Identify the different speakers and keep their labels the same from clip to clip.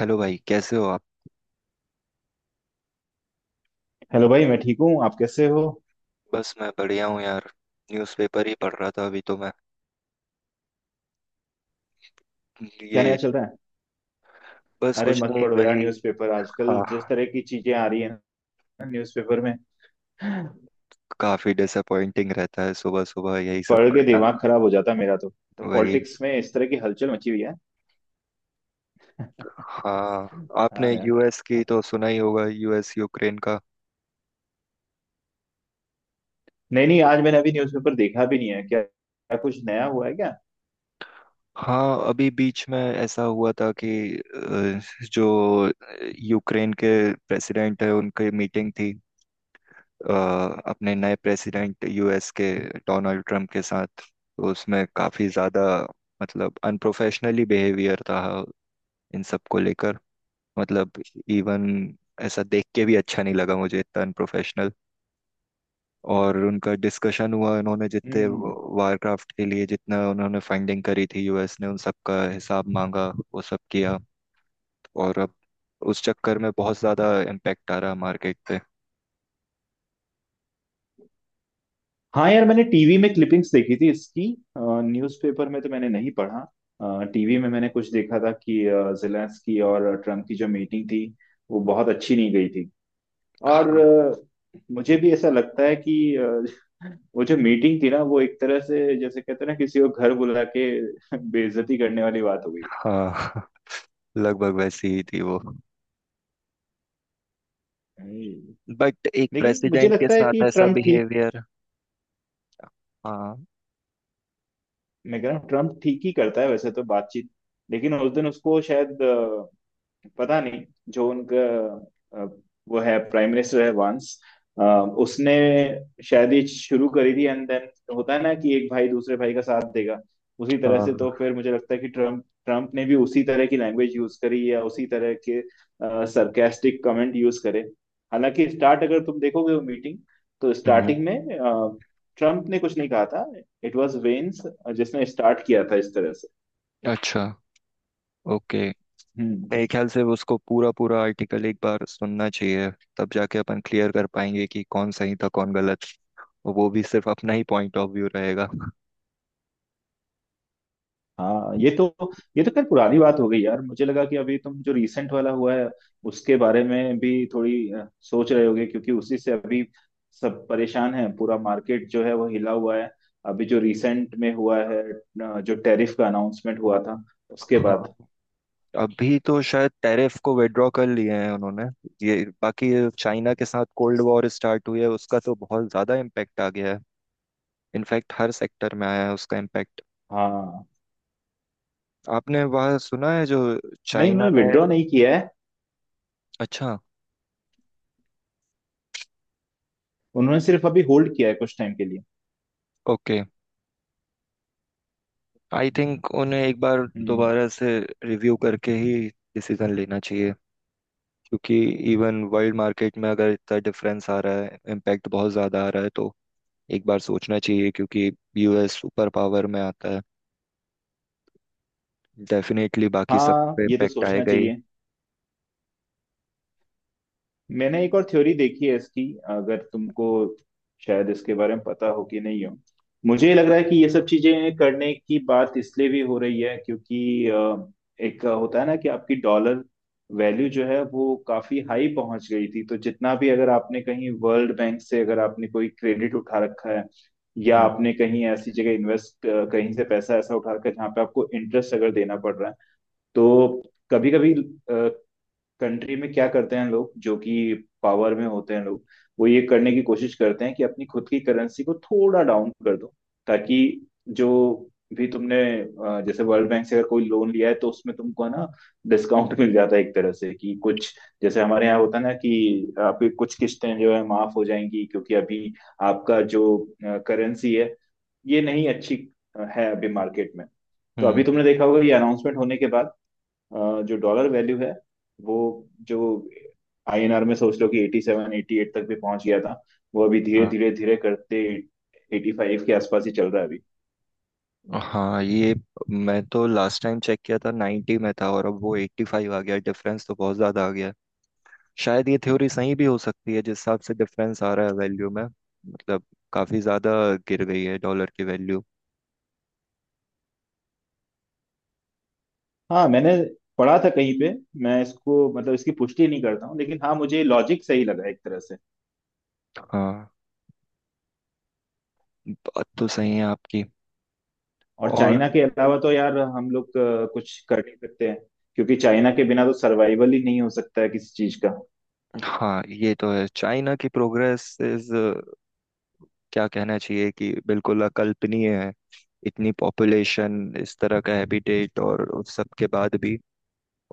Speaker 1: Hello भाई, कैसे हो आप।
Speaker 2: हेलो भाई, मैं ठीक हूँ। आप कैसे हो?
Speaker 1: बस मैं बढ़िया हूँ यार। न्यूज़पेपर ही पढ़ रहा था अभी तो मैं।
Speaker 2: क्या नया
Speaker 1: ये,
Speaker 2: चल रहा है?
Speaker 1: बस
Speaker 2: अरे
Speaker 1: कुछ
Speaker 2: मत
Speaker 1: नहीं,
Speaker 2: पढ़ो यार
Speaker 1: वही।
Speaker 2: न्यूज़पेपर। आजकल
Speaker 1: हाँ।
Speaker 2: जिस तरह की चीजें आ रही है ना न्यूज़पेपर में,
Speaker 1: काफी डिसअपॉइंटिंग रहता है सुबह सुबह यही सब
Speaker 2: पढ़ के
Speaker 1: पढ़ना।
Speaker 2: दिमाग खराब हो जाता है मेरा तो। तो
Speaker 1: वही।
Speaker 2: पॉलिटिक्स में इस तरह की हलचल मची हुई है।
Speaker 1: हाँ।
Speaker 2: हाँ
Speaker 1: आपने
Speaker 2: यार।
Speaker 1: यूएस की तो सुना ही होगा, यूएस यूक्रेन का।
Speaker 2: नहीं नहीं, आज मैंने अभी न्यूज़पेपर देखा भी नहीं है। क्या क्या कुछ नया हुआ है क्या?
Speaker 1: हाँ, अभी बीच में ऐसा हुआ था कि अ, जो यूक्रेन के प्रेसिडेंट है उनकी मीटिंग थी, अ, अपने नए प्रेसिडेंट यूएस के डोनाल्ड ट्रम्प के साथ। तो उसमें काफ़ी ज़्यादा, मतलब अनप्रोफेशनली बिहेवियर था इन सब को लेकर। मतलब इवन ऐसा देख के भी अच्छा नहीं लगा मुझे, इतना अनप्रोफेशनल। और उनका डिस्कशन हुआ, उन्होंने जितने
Speaker 2: हम्म।
Speaker 1: वारक्राफ्ट के लिए जितना उन्होंने फंडिंग करी थी यूएस ने, उन सब का हिसाब मांगा, वो सब किया। और अब उस चक्कर में बहुत ज़्यादा इम्पेक्ट आ रहा मार्केट पे।
Speaker 2: हाँ यार, मैंने टीवी में क्लिपिंग्स देखी थी इसकी। न्यूज़पेपर में तो मैंने नहीं पढ़ा, टीवी में मैंने कुछ देखा था कि जेलेंस्की और ट्रम्प की जो मीटिंग थी वो बहुत अच्छी नहीं गई थी। और
Speaker 1: हाँ।
Speaker 2: मुझे भी ऐसा लगता है कि वो जो मीटिंग थी ना, वो एक तरह से जैसे कहते हैं ना, किसी को घर बुला के बेइज्जती करने वाली बात हो गई।
Speaker 1: लगभग वैसी ही थी वो।
Speaker 2: हम्म।
Speaker 1: बट एक
Speaker 2: लेकिन मुझे
Speaker 1: प्रेसिडेंट के
Speaker 2: लगता है
Speaker 1: साथ
Speaker 2: कि
Speaker 1: ऐसा
Speaker 2: ट्रम्प ठीक,
Speaker 1: बिहेवियर। हाँ।
Speaker 2: मैं कह रहा हूँ ट्रम्प ठीक ही करता है वैसे तो बातचीत। लेकिन उस दिन उसको शायद, पता नहीं, जो उनका अ, वो है, प्राइम मिनिस्टर है वांस, अ, उसने शायद ये शुरू करी थी एंड देन होता है ना कि एक भाई दूसरे भाई का साथ देगा। उसी तरह से तो
Speaker 1: हाँ।
Speaker 2: फिर मुझे लगता है कि ट्रम्प ट्रम्प ने भी उसी तरह की लैंग्वेज यूज करी, या उसी तरह के सरकास्टिक कमेंट यूज करे। हालांकि स्टार्ट अगर तुम देखोगे वो मीटिंग, तो
Speaker 1: हम्म।
Speaker 2: स्टार्टिंग में ट्रम्प ने कुछ नहीं कहा था। इट वाज वेंस जिसने स्टार्ट किया था इस तरह से।
Speaker 1: अच्छा। ओके।
Speaker 2: हम्म।
Speaker 1: मेरे ख्याल से वो उसको पूरा पूरा आर्टिकल एक बार सुनना चाहिए। तब जाके अपन क्लियर कर पाएंगे कि कौन सही था कौन गलत। और वो भी सिर्फ अपना ही पॉइंट ऑफ व्यू रहेगा।
Speaker 2: हाँ, ये तो, ये तो खैर पुरानी बात हो गई यार। मुझे लगा कि अभी तुम जो रीसेंट वाला हुआ है उसके बारे में भी थोड़ी सोच रहे होगे, क्योंकि उसी से अभी सब परेशान है, पूरा मार्केट जो है वो हिला हुआ है। अभी जो रीसेंट में हुआ है, जो टैरिफ का अनाउंसमेंट हुआ था उसके
Speaker 1: हाँ,
Speaker 2: बाद।
Speaker 1: अभी तो शायद टैरिफ को विड्रॉ कर लिए हैं उन्होंने। ये, बाकी चाइना के साथ कोल्ड वॉर स्टार्ट हुई है, उसका तो बहुत ज्यादा इम्पैक्ट आ गया है। इनफैक्ट हर सेक्टर में आया है उसका इम्पैक्ट।
Speaker 2: हाँ।
Speaker 1: आपने वह सुना है जो
Speaker 2: नहीं,
Speaker 1: चाइना
Speaker 2: उन्होंने
Speaker 1: ने।
Speaker 2: विड्रॉ नहीं किया है।
Speaker 1: अच्छा।
Speaker 2: उन्होंने सिर्फ अभी होल्ड किया है कुछ टाइम के लिए।
Speaker 1: ओके। आई थिंक उन्हें एक बार
Speaker 2: हम्म।
Speaker 1: दोबारा से रिव्यू करके ही डिसीजन लेना चाहिए, क्योंकि इवन वर्ल्ड मार्केट में अगर इतना डिफरेंस आ रहा है, इम्पैक्ट बहुत ज़्यादा आ रहा है, तो एक बार सोचना चाहिए, क्योंकि यूएस सुपर पावर में आता है, डेफिनेटली बाकी सब
Speaker 2: हाँ
Speaker 1: पे
Speaker 2: ये तो
Speaker 1: इम्पैक्ट
Speaker 2: सोचना
Speaker 1: आएगा ही।
Speaker 2: चाहिए। मैंने एक और थ्योरी देखी है इसकी, अगर तुमको शायद इसके बारे में पता हो कि नहीं हो। मुझे लग रहा है कि ये सब चीजें करने की बात इसलिए भी हो रही है क्योंकि एक होता है ना कि आपकी डॉलर वैल्यू जो है वो काफी हाई पहुंच गई थी। तो जितना भी अगर आपने कहीं वर्ल्ड बैंक से अगर आपने कोई क्रेडिट उठा रखा है, या
Speaker 1: हम्म।
Speaker 2: आपने कहीं ऐसी जगह इन्वेस्ट, कहीं से पैसा ऐसा उठा रखा है जहाँ पे आपको इंटरेस्ट अगर देना पड़ रहा है, तो कभी कभी कंट्री में क्या करते हैं लोग जो कि पावर में होते हैं लोग, वो ये करने की कोशिश करते हैं कि अपनी खुद की करेंसी को थोड़ा डाउन कर दो, ताकि जो भी तुमने जैसे वर्ल्ड बैंक से अगर कोई लोन लिया है तो उसमें तुमको ना डिस्काउंट मिल जाता है एक तरह से, कि कुछ जैसे हमारे यहाँ होता है ना कि आपकी कुछ किस्तें जो है माफ हो जाएंगी, क्योंकि अभी आपका जो करेंसी है ये नहीं अच्छी है अभी मार्केट में। तो अभी
Speaker 1: हम्म।
Speaker 2: तुमने देखा होगा ये अनाउंसमेंट होने के बाद जो डॉलर वैल्यू है, वो जो INR में सोच लो कि 87 88 तक भी पहुंच गया था, वो अभी धीरे
Speaker 1: हाँ।
Speaker 2: धीरे धीरे करते 85 के आसपास ही चल रहा है अभी।
Speaker 1: हाँ, ये, मैं तो लास्ट टाइम चेक किया था 90 में था, और अब वो 85 आ गया, डिफरेंस तो बहुत ज़्यादा आ गया है। शायद ये थ्योरी सही भी हो सकती है, जिस हिसाब से डिफरेंस आ रहा है वैल्यू में, मतलब काफी ज्यादा गिर गई है डॉलर की वैल्यू।
Speaker 2: हाँ, मैंने पढ़ा था कहीं पे, मैं इसको मतलब इसकी पुष्टि नहीं करता हूँ, लेकिन हाँ मुझे लॉजिक सही लगा एक तरह से।
Speaker 1: हाँ, बात तो सही है आपकी।
Speaker 2: और
Speaker 1: और,
Speaker 2: चाइना के अलावा तो यार हम लोग कुछ कर नहीं सकते हैं, क्योंकि चाइना के बिना तो सर्वाइवल ही नहीं हो सकता है किसी चीज का।
Speaker 1: हाँ ये तो है, चाइना की प्रोग्रेस इज, क्या कहना चाहिए, कि बिल्कुल अकल्पनीय है। इतनी पॉपुलेशन, इस तरह का हैबिटेट, और उस सब के बाद भी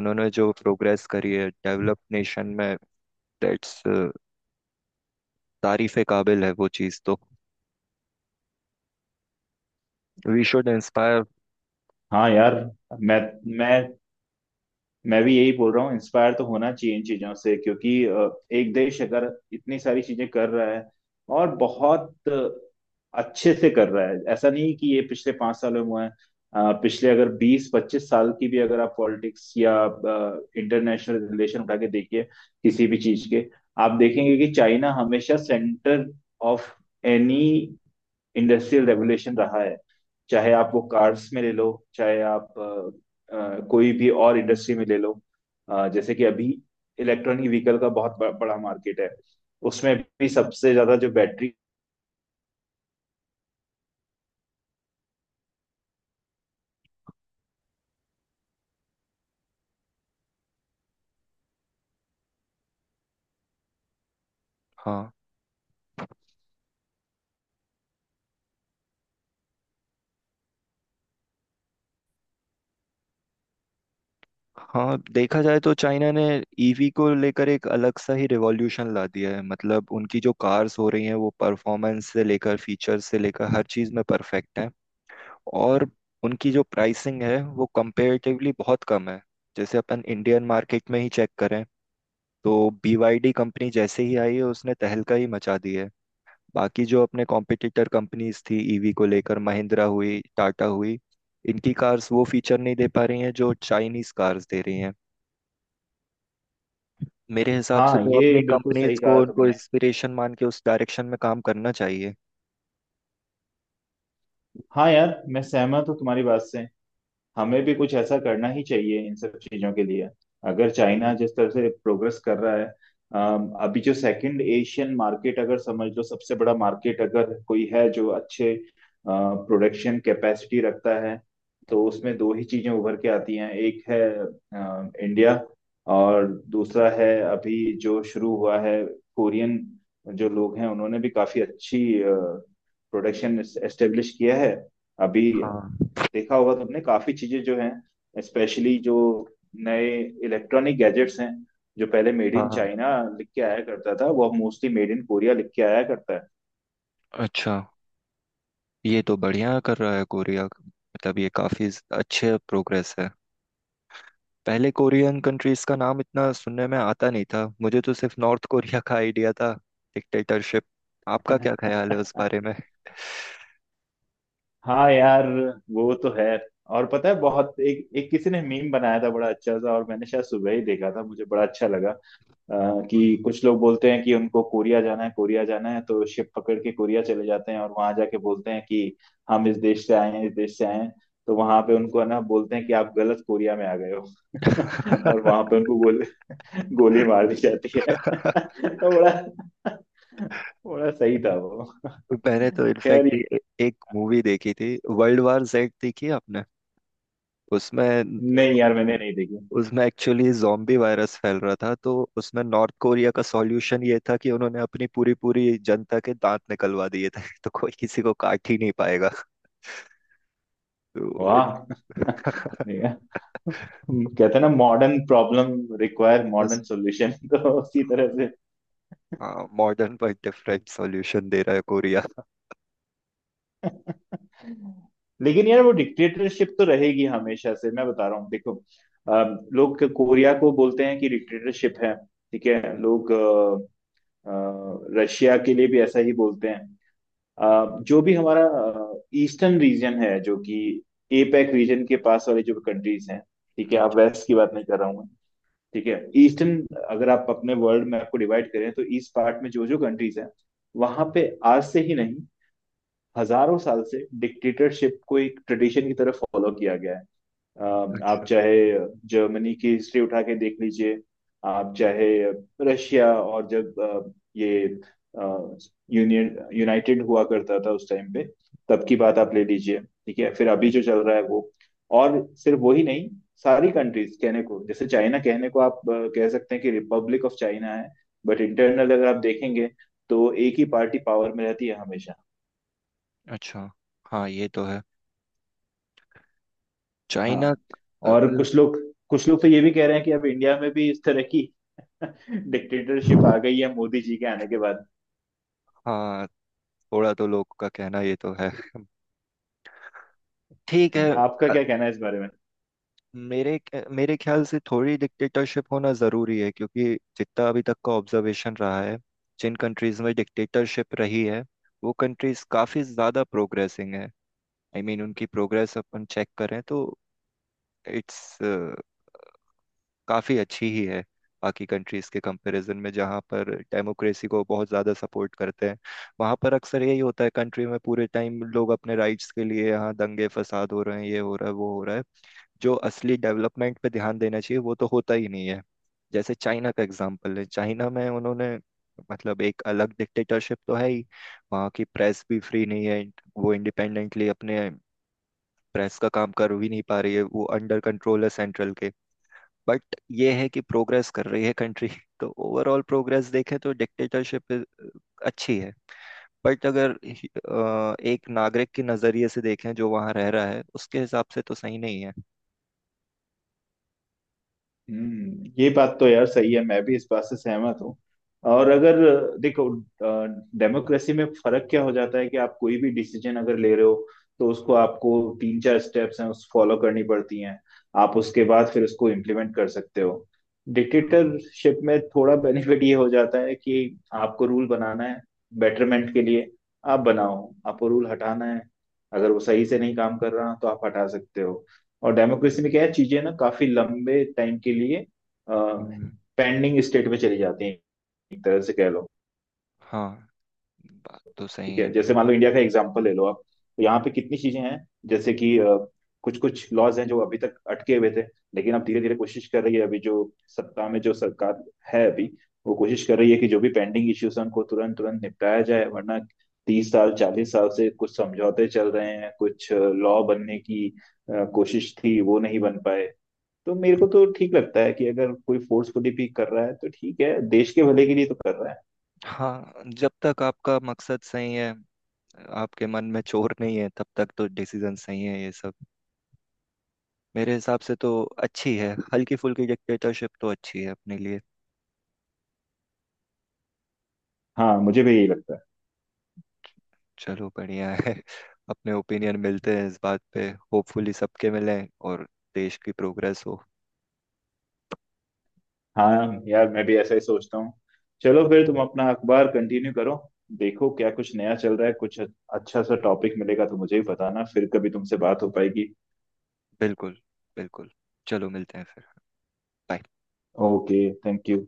Speaker 1: उन्होंने जो प्रोग्रेस करी है डेवलप्ड नेशन में, दैट्स, तारीफ के काबिल है वो चीज़ तो। We should inspire.
Speaker 2: हाँ यार, मैं मैं मैं भी यही बोल रहा हूँ, इंस्पायर तो होना चाहिए इन चीजों से, क्योंकि एक देश अगर इतनी सारी चीजें कर रहा है और बहुत अच्छे से कर रहा है, ऐसा नहीं कि ये पिछले 5 साल में हुआ है। पिछले अगर 20-25 साल की भी अगर आप पॉलिटिक्स या इंटरनेशनल रिलेशन उठा के देखिए किसी भी चीज के, आप देखेंगे कि चाइना हमेशा centre of any industrial revolution रहा है। चाहे आप वो कार्स में ले लो, चाहे आप कोई भी और इंडस्ट्री में ले लो। जैसे कि अभी इलेक्ट्रॉनिक व्हीकल का बहुत बड़ा मार्केट है। उसमें भी सबसे ज्यादा जो बैटरी,
Speaker 1: हाँ, देखा जाए तो चाइना ने ईवी को लेकर एक अलग सा ही रिवॉल्यूशन ला दिया है, मतलब उनकी जो कार्स हो रही हैं वो परफॉर्मेंस से लेकर फीचर से लेकर हर चीज़ में परफेक्ट हैं। और उनकी जो प्राइसिंग है वो कंपेरेटिवली बहुत कम है। जैसे अपन इंडियन मार्केट में ही चेक करें, तो BYD कंपनी जैसे ही आई है उसने तहलका ही मचा दी है। बाकी जो अपने कॉम्पिटिटर कंपनीज थी ईवी को लेकर, महिंद्रा हुई, टाटा हुई, इनकी कार्स वो फीचर नहीं दे पा रही हैं जो चाइनीज कार्स दे रही हैं। मेरे हिसाब से
Speaker 2: हाँ
Speaker 1: तो
Speaker 2: ये
Speaker 1: अपनी
Speaker 2: बिल्कुल सही
Speaker 1: कंपनीज को
Speaker 2: कहा
Speaker 1: उनको
Speaker 2: तुमने।
Speaker 1: इंस्पिरेशन मान के उस डायरेक्शन में काम करना चाहिए।
Speaker 2: हाँ यार मैं सहमत हूँ तुम्हारी बात से। हमें भी कुछ ऐसा करना ही चाहिए इन सब चीजों के लिए। अगर चाइना जिस तरह से प्रोग्रेस कर रहा है, अभी जो सेकंड एशियन मार्केट अगर समझ लो, सबसे बड़ा मार्केट अगर कोई है जो अच्छे प्रोडक्शन कैपेसिटी रखता है, तो उसमें दो ही चीजें उभर के आती हैं। एक है इंडिया, और दूसरा है अभी जो शुरू हुआ है, कोरियन। जो लोग हैं उन्होंने भी काफी अच्छी प्रोडक्शन एस्टेब्लिश किया है अभी।
Speaker 1: हाँ।
Speaker 2: देखा होगा तुमने काफी चीजें जो हैं, स्पेशली जो नए इलेक्ट्रॉनिक गैजेट्स हैं जो पहले मेड इन
Speaker 1: हाँ।
Speaker 2: चाइना लिख के आया करता था, वो अब मोस्टली मेड इन कोरिया लिख के आया करता
Speaker 1: अच्छा, ये तो बढ़िया कर रहा है कोरिया, मतलब ये काफी अच्छे प्रोग्रेस है। पहले कोरियन कंट्रीज का नाम इतना सुनने में आता नहीं था, मुझे तो सिर्फ नॉर्थ कोरिया का आइडिया था, डिक्टेटरशिप। आपका
Speaker 2: है।
Speaker 1: क्या ख्याल है उस बारे में।
Speaker 2: हाँ यार, वो तो है। और पता है, बहुत एक एक, किसी ने मीम बनाया था बड़ा अच्छा सा, और मैंने शायद सुबह ही देखा था, मुझे बड़ा अच्छा लगा। अ, कि कुछ लोग बोलते हैं कि उनको कोरिया जाना है कोरिया जाना है, तो शिप पकड़ के कोरिया चले जाते हैं, और वहां जाके बोलते हैं कि हम इस देश से आए हैं इस देश से आए हैं। तो वहां पे उनको है ना, बोलते हैं कि आप गलत कोरिया में आ गए हो, और वहां पे उनको गोली गोली मार दी जाती है। तो बड़ा बड़ा सही था वो।
Speaker 1: मैंने तो
Speaker 2: खैर
Speaker 1: इनफैक्ट
Speaker 2: ये-
Speaker 1: एक मूवी देखी थी, वर्ल्ड वार जेड, देखी है आपने। उसमें,
Speaker 2: नहीं यार, मैंने नहीं देखी।
Speaker 1: उसमें एक्चुअली zombie वायरस फैल रहा था, तो उसमें नॉर्थ कोरिया का सॉल्यूशन ये था कि उन्होंने अपनी पूरी पूरी जनता के दांत निकलवा दिए थे, तो कोई किसी को काट ही नहीं पाएगा। तो इन-।
Speaker 2: वाह। नहीं यार। कहते हैं ना, मॉडर्न प्रॉब्लम रिक्वायर
Speaker 1: बस,
Speaker 2: मॉडर्न सॉल्यूशन, तो उसी तरह से।
Speaker 1: हाँ मॉडर्न पर डिफरेंट सॉल्यूशन दे रहा है कोरिया।
Speaker 2: लेकिन यार वो डिक्टेटरशिप तो रहेगी हमेशा से, मैं बता रहा हूँ देखो। लोग कोरिया को बोलते हैं कि डिक्टेटरशिप है, ठीक है। लोग अ, रशिया के लिए भी ऐसा ही बोलते हैं। जो भी हमारा ईस्टर्न रीजन है, जो कि एपेक रीजन के पास वाली जो कंट्रीज हैं, ठीक है। आप
Speaker 1: अच्छा।
Speaker 2: वेस्ट की बात नहीं कर रहा हूँ मैं, ठीक है। ईस्टर्न, अगर आप अपने वर्ल्ड मैप को डिवाइड करें, तो ईस्ट पार्ट में जो जो कंट्रीज हैं, वहां पे आज से ही नहीं, हजारों साल से डिक्टेटरशिप को एक ट्रेडिशन की तरह फॉलो किया गया है। अ, आप
Speaker 1: अच्छा।
Speaker 2: चाहे जर्मनी की हिस्ट्री उठा के देख लीजिए, आप चाहे रशिया, और जब ये यूनियन यूनाइटेड हुआ करता था उस टाइम पे, तब की बात आप ले लीजिए, ठीक है। फिर अभी जो चल रहा है वो, और सिर्फ वही नहीं, सारी कंट्रीज कहने को, जैसे चाइना, कहने को आप कह सकते हैं कि रिपब्लिक ऑफ चाइना है, बट इंटरनल अगर आप देखेंगे, तो एक ही पार्टी पावर में रहती है हमेशा।
Speaker 1: अच्छा। हाँ ये तो है,
Speaker 2: हाँ।
Speaker 1: चाइना। अ,
Speaker 2: और कुछ लोग तो ये भी कह रहे हैं कि अब इंडिया में भी इस तरह की डिक्टेटरशिप आ गई है, मोदी जी के आने के बाद।
Speaker 1: हाँ, थोड़ा तो लोग का कहना ये तो है। ठीक है।
Speaker 2: आपका क्या कहना है इस बारे में?
Speaker 1: मेरे मेरे ख्याल से थोड़ी डिक्टेटरशिप होना ज़रूरी है, क्योंकि जितना अभी तक का ऑब्जर्वेशन रहा है, जिन कंट्रीज़ में डिक्टेटरशिप रही है वो कंट्रीज़ काफ़ी ज़्यादा प्रोग्रेसिंग है। आई I मीन mean, उनकी प्रोग्रेस अपन चेक करें तो इट्स काफ़ी अच्छी ही है, बाकी कंट्रीज़ के कंपैरिजन में जहाँ पर डेमोक्रेसी को बहुत ज़्यादा सपोर्ट करते हैं। वहाँ पर अक्सर यही होता है, कंट्री में पूरे टाइम लोग अपने राइट्स के लिए यहाँ दंगे फसाद हो रहे हैं, ये हो रहा है, वो हो रहा है। जो असली डेवलपमेंट पे ध्यान देना चाहिए वो तो होता ही नहीं है। जैसे चाइना का एग्जाम्पल है, चाइना में उन्होंने, मतलब एक अलग डिक्टेटरशिप तो है ही, वहाँ की प्रेस भी फ्री नहीं है। वो इंडिपेंडेंटली अपने प्रेस का काम कर भी नहीं पा रही है, वो अंडर कंट्रोल है सेंट्रल के। बट ये है कि प्रोग्रेस कर रही है कंट्री, तो ओवरऑल प्रोग्रेस देखें तो डिक्टेटरशिप अच्छी है। बट अगर एक नागरिक के नजरिए से देखें जो वहां रह रहा है, उसके हिसाब से तो सही नहीं है।
Speaker 2: हम्म, ये बात तो यार सही है, मैं भी इस बात से सहमत हूँ। और अगर देखो, डेमोक्रेसी में फर्क क्या हो जाता है कि आप कोई भी डिसीजन अगर ले रहे हो, तो उसको आपको तीन चार स्टेप्स हैं उस फॉलो करनी पड़ती हैं। आप उसके बाद फिर उसको इम्प्लीमेंट कर सकते हो।
Speaker 1: हाँ।
Speaker 2: डिक्टेटरशिप में थोड़ा बेनिफिट ये हो जाता है कि आपको रूल बनाना है बेटरमेंट के लिए, आप बनाओ। आपको रूल हटाना है, अगर वो सही से नहीं काम कर रहा, तो आप हटा सकते हो। और डेमोक्रेसी में क्या है, चीजें ना काफी लंबे टाइम के लिए
Speaker 1: हम्म।
Speaker 2: पेंडिंग स्टेट में चली जाती हैं, एक तरह से कह लो।
Speaker 1: हाँ, बात तो सही
Speaker 2: ठीक है,
Speaker 1: है।
Speaker 2: जैसे मान लो इंडिया का एग्जाम्पल ले लो आप, तो यहाँ पे कितनी चीजें हैं, जैसे कि कुछ कुछ लॉज हैं जो अभी तक अटके हुए थे, लेकिन अब धीरे धीरे कोशिश कर रही है अभी जो सत्ता में जो सरकार है अभी, वो कोशिश कर रही है कि जो भी पेंडिंग इश्यूज हैं उनको तुरंत तुरंत निपटाया जाए, वरना 30 साल 40 साल से कुछ समझौते चल रहे हैं, कुछ लॉ बनने की कोशिश थी वो नहीं बन पाए। तो मेरे को तो ठीक लगता है कि अगर कोई फोर्सफुली भी कर रहा है तो ठीक है, देश के भले के लिए तो कर रहा है।
Speaker 1: हाँ, जब तक आपका मकसद सही है, आपके मन में चोर नहीं है, तब तक तो डिसीजन सही है ये सब। मेरे हिसाब से तो अच्छी है, हल्की फुल्की डिक्टेटरशिप तो अच्छी है अपने लिए।
Speaker 2: हाँ मुझे भी यही लगता है।
Speaker 1: चलो बढ़िया है, अपने ओपिनियन मिलते हैं इस बात पे। होपफुली सबके मिलें और देश की प्रोग्रेस हो।
Speaker 2: हाँ यार मैं भी ऐसा ही सोचता हूँ। चलो फिर तुम अपना अखबार कंटिन्यू करो, देखो क्या कुछ नया चल रहा है, कुछ अच्छा सा टॉपिक मिलेगा तो मुझे भी बताना। फिर कभी तुमसे बात हो पाएगी।
Speaker 1: बिल्कुल। बिल्कुल। चलो, मिलते हैं फिर। बाय।
Speaker 2: ओके। Thank you.